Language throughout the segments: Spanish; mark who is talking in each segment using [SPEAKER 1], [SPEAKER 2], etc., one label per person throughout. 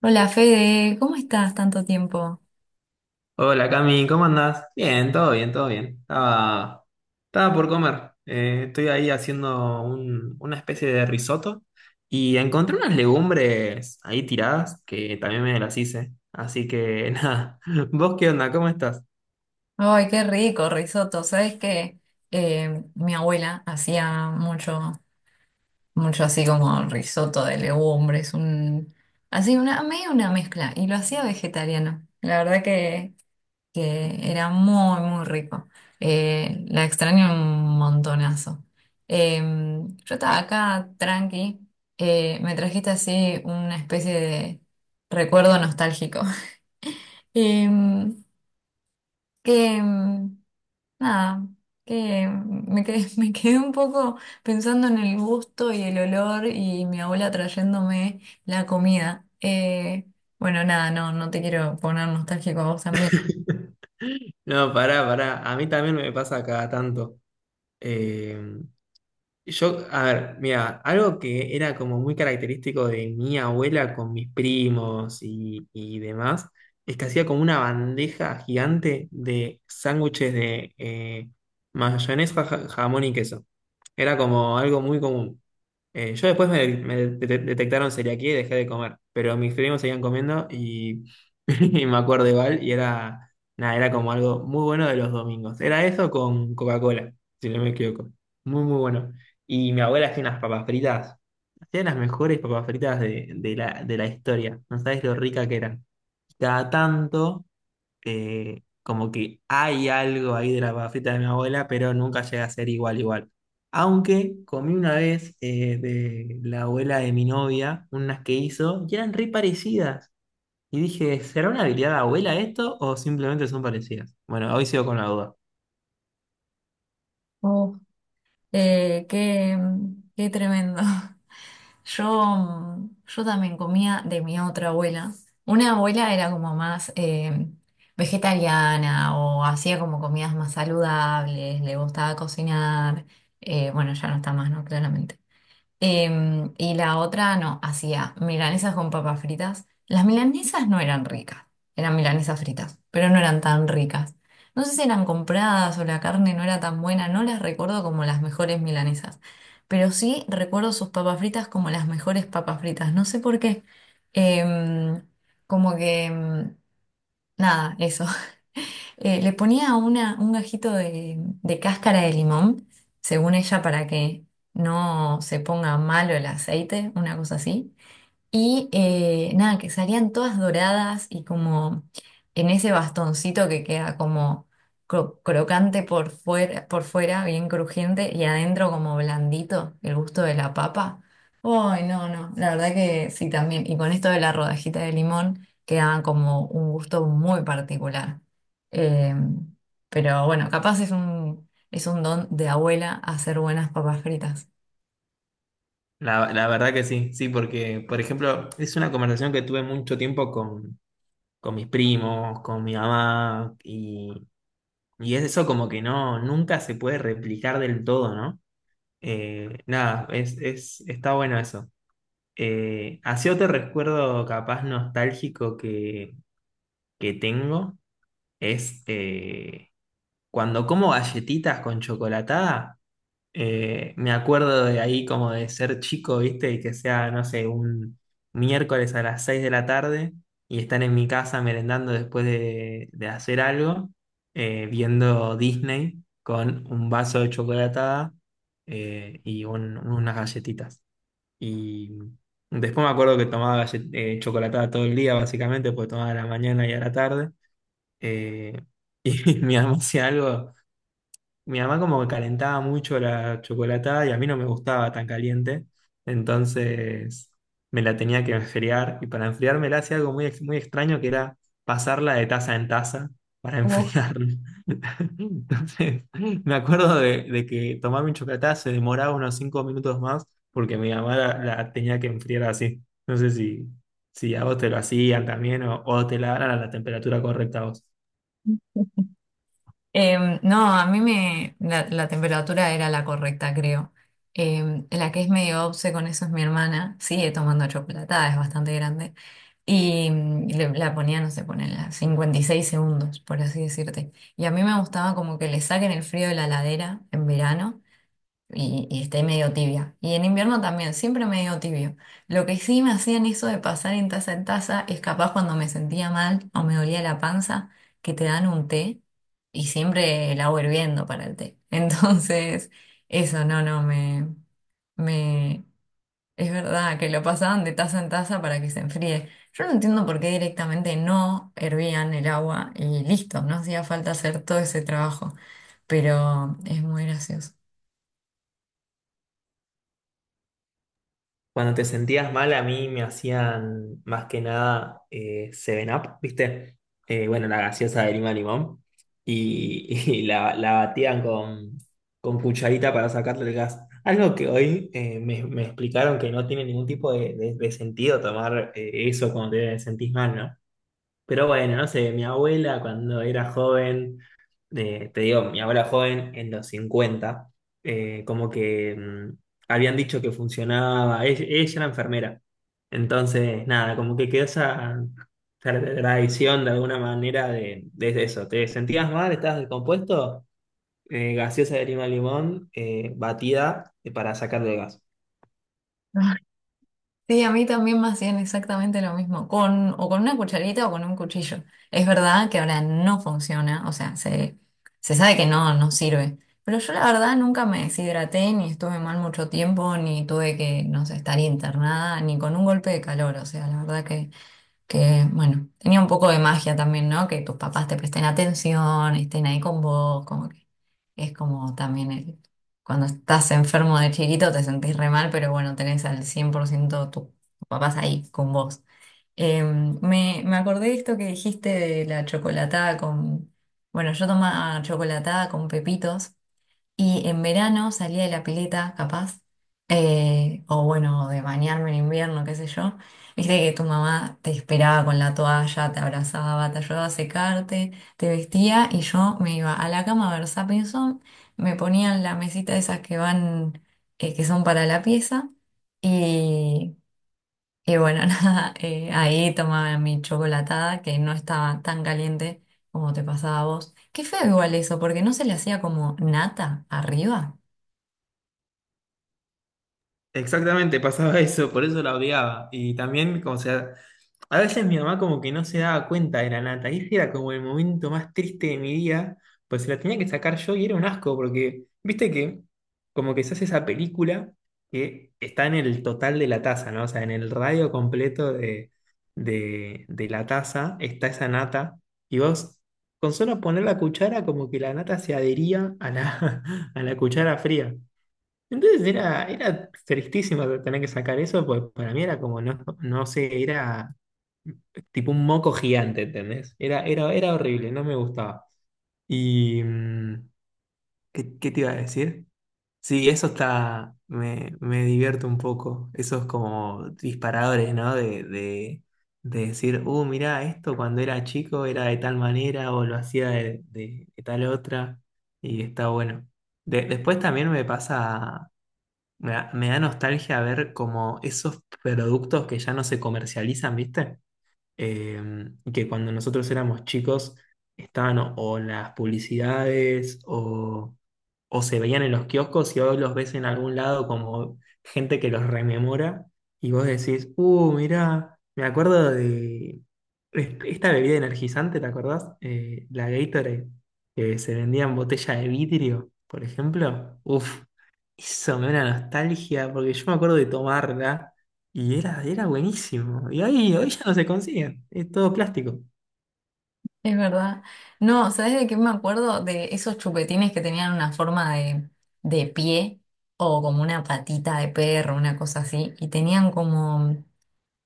[SPEAKER 1] Hola Fede, ¿cómo estás tanto tiempo?
[SPEAKER 2] Hola Cami, ¿cómo andás? Bien, todo bien, todo bien. Estaba por comer. Estoy ahí haciendo una especie de risotto y encontré unas legumbres ahí tiradas que también me las hice. Así que nada, ¿vos qué onda? ¿Cómo estás?
[SPEAKER 1] Ay, qué rico, risotto. ¿Sabes qué? Mi abuela hacía mucho así como risotto de legumbres, así medio una mezcla, y lo hacía vegetariano. La verdad que era muy rico. La extraño un montonazo. Yo estaba acá tranqui, me trajiste así una especie de recuerdo nostálgico. Em, que mm, Nada, me quedé, me quedé un poco pensando en el gusto y el olor y mi abuela trayéndome la comida. Bueno, nada, no, no te quiero poner nostálgico a vos también.
[SPEAKER 2] No, pará. A mí también me pasa cada tanto. Eh, Yo, a ver, mira, algo que era como muy característico de mi abuela con mis primos y demás, es que hacía como una bandeja gigante de sándwiches de mayonesa, jamón y queso. Era como algo muy común. Yo después me detectaron celiaquía y dejé de comer, pero mis primos seguían comiendo y me acuerdo igual y era, nada, era como algo muy bueno de los domingos. Era eso con Coca-Cola, si no me equivoco. Muy, muy bueno. Y mi abuela hacía unas papas fritas. Hacía las mejores papas fritas de la historia. No sabes lo rica que eran. Cada tanto, como que hay algo ahí de la papa frita de mi abuela, pero nunca llega a ser igual, igual. Aunque comí una vez de la abuela de mi novia, unas que hizo, y eran re parecidas. Y dije, ¿será una habilidad de abuela esto o simplemente son parecidas? Bueno, hoy sigo con la duda.
[SPEAKER 1] Eh, qué, Qué tremendo. Yo también comía de mi otra abuela. Una abuela era como más vegetariana o hacía como comidas más saludables, le gustaba cocinar. Bueno, ya no está más, ¿no? Claramente. Y la otra no, hacía milanesas con papas fritas. Las milanesas no eran ricas, eran milanesas fritas, pero no eran tan ricas. No sé si eran compradas o la carne no era tan buena, no las recuerdo como las mejores milanesas, pero sí recuerdo sus papas fritas como las mejores papas fritas, no sé por qué. Em, como que, em, Nada, eso. Le ponía un gajito de cáscara de limón, según ella, para que no se ponga malo el aceite, una cosa así. Y nada, que salían todas doradas y como en ese bastoncito que queda como crocante por fuera, bien crujiente, y adentro como blandito, el gusto de la papa. Uy, no, no, la verdad que sí también. Y con esto de la rodajita de limón quedaba como un gusto muy particular. Eh, pero bueno, capaz es es un don de abuela hacer buenas papas fritas.
[SPEAKER 2] La verdad que sí, sí, porque, por ejemplo, es una conversación que tuve mucho tiempo con mis primos, con mi mamá, y es eso como que no, nunca se puede replicar del todo, ¿no? Nada, está bueno eso. Así otro recuerdo capaz nostálgico que tengo es cuando como galletitas con chocolatada. Me acuerdo de ahí como de ser chico, ¿viste? Y que sea, no sé, un miércoles a las 6 de la tarde y estar en mi casa merendando después de hacer algo, viendo Disney con un vaso de chocolatada y unas galletitas. Y después me acuerdo que tomaba chocolatada todo el día, básicamente, porque tomaba a la mañana y a la tarde. Eh, y mi mamá hacía algo. Mi mamá como que calentaba mucho la chocolatada y a mí no me gustaba tan caliente, entonces me la tenía que enfriar y para enfriármela hacía algo muy extraño que era pasarla de taza en taza para enfriarla. Entonces me acuerdo de que tomar mi chocolatada se demoraba unos 5 minutos más porque mi mamá la tenía que enfriar así. No sé si, si a vos te lo hacían también o te la daban a la temperatura correcta a vos.
[SPEAKER 1] No, a mí la temperatura era la correcta, creo. La que es medio obse con eso es mi hermana. Sigue tomando chocolatada, es bastante grande. Y la ponía, no sé, pone a 56 segundos, por así decirte. Y a mí me gustaba como que le saquen el frío de la ladera en verano y esté medio tibia. Y en invierno también, siempre medio tibio. Lo que sí me hacían eso de pasar en taza es capaz cuando me sentía mal o me dolía la panza, que te dan un té y siempre el agua hirviendo para el té. Entonces, eso no, me, es verdad que lo pasaban de taza en taza para que se enfríe. Yo no entiendo por qué directamente no hervían el agua y listo, no hacía falta hacer todo ese trabajo, pero es muy gracioso.
[SPEAKER 2] Cuando te sentías mal, a mí me hacían más que nada Seven Up, ¿viste? Bueno, la gaseosa de lima limón. Y, y la batían con cucharita para sacarle el gas. Algo que hoy me explicaron que no tiene ningún tipo de sentido tomar eso cuando te sentís mal, ¿no? Pero bueno, no sé, mi abuela cuando era joven, te digo, mi abuela joven en los 50 eh, como que mm, habían dicho que funcionaba, ella era enfermera. Entonces, nada, como que quedó esa tradición de alguna manera de eso. ¿Te sentías mal? ¿Estabas descompuesto? Gaseosa de lima limón, batida para sacarle el gas.
[SPEAKER 1] Sí, a mí también me hacían exactamente lo mismo, con, o con una cucharita o con un cuchillo. Es verdad que ahora no funciona, o sea, se sabe que no, no sirve. Pero yo la verdad nunca me deshidraté, ni estuve mal mucho tiempo, ni tuve que, no sé, estar internada, ni con un golpe de calor. O sea, la verdad que bueno, tenía un poco de magia también, ¿no? Que tus papás te presten atención, estén ahí con vos, como que es como también cuando estás enfermo de chiquito te sentís re mal, pero bueno, tenés al 100% tus papás ahí con vos. Me acordé de esto que dijiste de la chocolatada con, bueno, yo tomaba chocolatada con pepitos y en verano salía de la pileta, capaz, o bueno, de bañarme en invierno, qué sé yo. Viste que tu mamá te esperaba con la toalla, te abrazaba, te ayudaba a secarte, te vestía y yo me iba a la cama a ver Zapping Zone, me ponían la mesita esas que van, que son para la pieza y bueno, nada, ahí tomaba mi chocolatada que no estaba tan caliente como te pasaba a vos. Qué feo igual eso, porque no se le hacía como nata arriba.
[SPEAKER 2] Exactamente, pasaba eso, por eso la odiaba. Y también, como sea, a veces mi mamá como que no se daba cuenta de la nata, y ese era como el momento más triste de mi día, pues se la tenía que sacar yo y era un asco, porque viste que como que se hace esa película que está en el total de la taza, ¿no? O sea, en el radio completo de la taza está esa nata, y vos con solo poner la cuchara como que la nata se adhería a a la cuchara fría. Entonces era tristísimo tener que sacar eso, pues para mí era como, no, no sé, era tipo un moco gigante, ¿entendés? Era horrible, no me gustaba. Y, mm, ¿qué, qué te iba a decir? Sí, eso está, me divierto un poco, esos como disparadores, ¿no? De decir, mirá, esto cuando era chico era de tal manera o lo hacía de, de tal otra, y está bueno. Después también me pasa, me da nostalgia ver como esos productos que ya no se comercializan, ¿viste? Eh, que cuando nosotros éramos chicos estaban o en las publicidades o se veían en los kioscos y hoy los ves en algún lado como gente que los rememora y vos decís, mirá, me acuerdo de esta bebida energizante, ¿te acordás? La Gatorade, que se vendía en botella de vidrio, por ejemplo. Uf, eso me da una nostalgia porque yo me acuerdo de tomarla y era, era buenísimo. Y hoy, hoy ya no se consiguen, es todo plástico.
[SPEAKER 1] Es verdad. No, ¿sabes de qué me acuerdo? De esos chupetines que tenían una forma de pie o como una patita de perro, una cosa así, y tenían como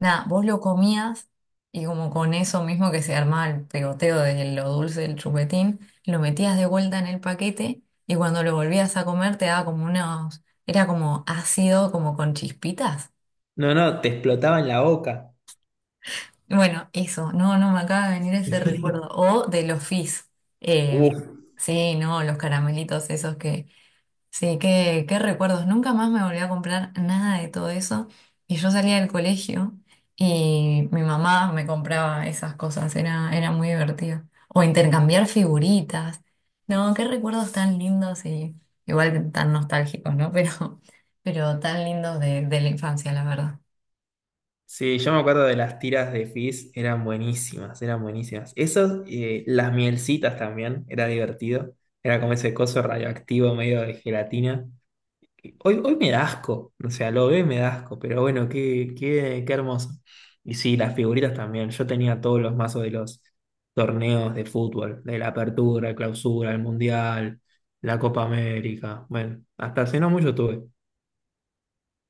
[SPEAKER 1] nada, vos lo comías y como con eso mismo que se armaba el pegoteo de lo dulce del chupetín, lo metías de vuelta en el paquete y cuando lo volvías a comer te daba como unos, era como ácido, como con chispitas.
[SPEAKER 2] No, no, te explotaba en la boca.
[SPEAKER 1] Bueno, eso, no, no me acaba de venir ese recuerdo. O de los fizz. Eh,
[SPEAKER 2] Uf.
[SPEAKER 1] sí, no, los caramelitos esos que sí, qué recuerdos. Nunca más me volví a comprar nada de todo eso. Y yo salía del colegio y mi mamá me compraba esas cosas. Era muy divertido. O intercambiar figuritas. No, qué recuerdos tan lindos y igual tan nostálgicos, ¿no? Pero tan lindos de la infancia, la verdad.
[SPEAKER 2] Sí, yo me acuerdo de las tiras de Fizz, eran buenísimas, eran buenísimas. Esas, las mielcitas también, era divertido. Era como ese coso radioactivo medio de gelatina, que hoy, hoy me da asco, o sea, lo veo y me da asco, pero bueno, qué, qué, qué hermoso. Y sí, las figuritas también. Yo tenía todos los mazos de los torneos de fútbol, de la apertura, clausura, el mundial, la Copa América. Bueno, hasta hace no mucho tuve.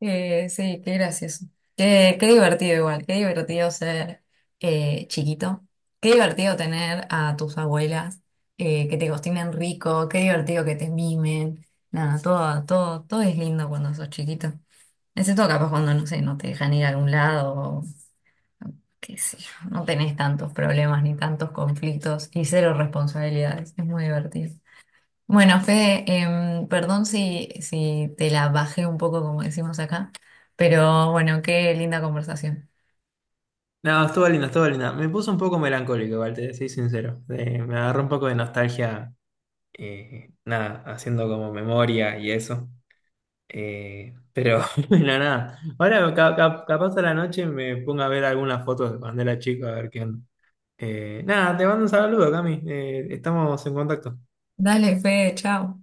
[SPEAKER 1] Sí, qué gracioso. Qué divertido igual, qué divertido ser chiquito. Qué divertido tener a tus abuelas que te cocinen rico, qué divertido que te mimen. Nada, todo, todo, todo es lindo cuando sos chiquito. Excepto capaz cuando, no sé, no te dejan ir a algún lado, o qué sé yo, no tenés tantos problemas ni tantos conflictos y cero responsabilidades. Es muy divertido. Bueno, Fede, perdón si te la bajé un poco, como decimos acá, pero bueno, qué linda conversación.
[SPEAKER 2] No, estuvo linda, estuvo linda. Me puso un poco melancólico, igual, te soy sincero. Me agarró un poco de nostalgia, nada, haciendo como memoria y eso. Pero, bueno, nada. Ahora, capaz a la noche me pongo a ver algunas fotos de cuando era chico, a ver qué onda. Nada, te mando un saludo, Cami. Estamos en contacto.
[SPEAKER 1] Dale, Fede, chao.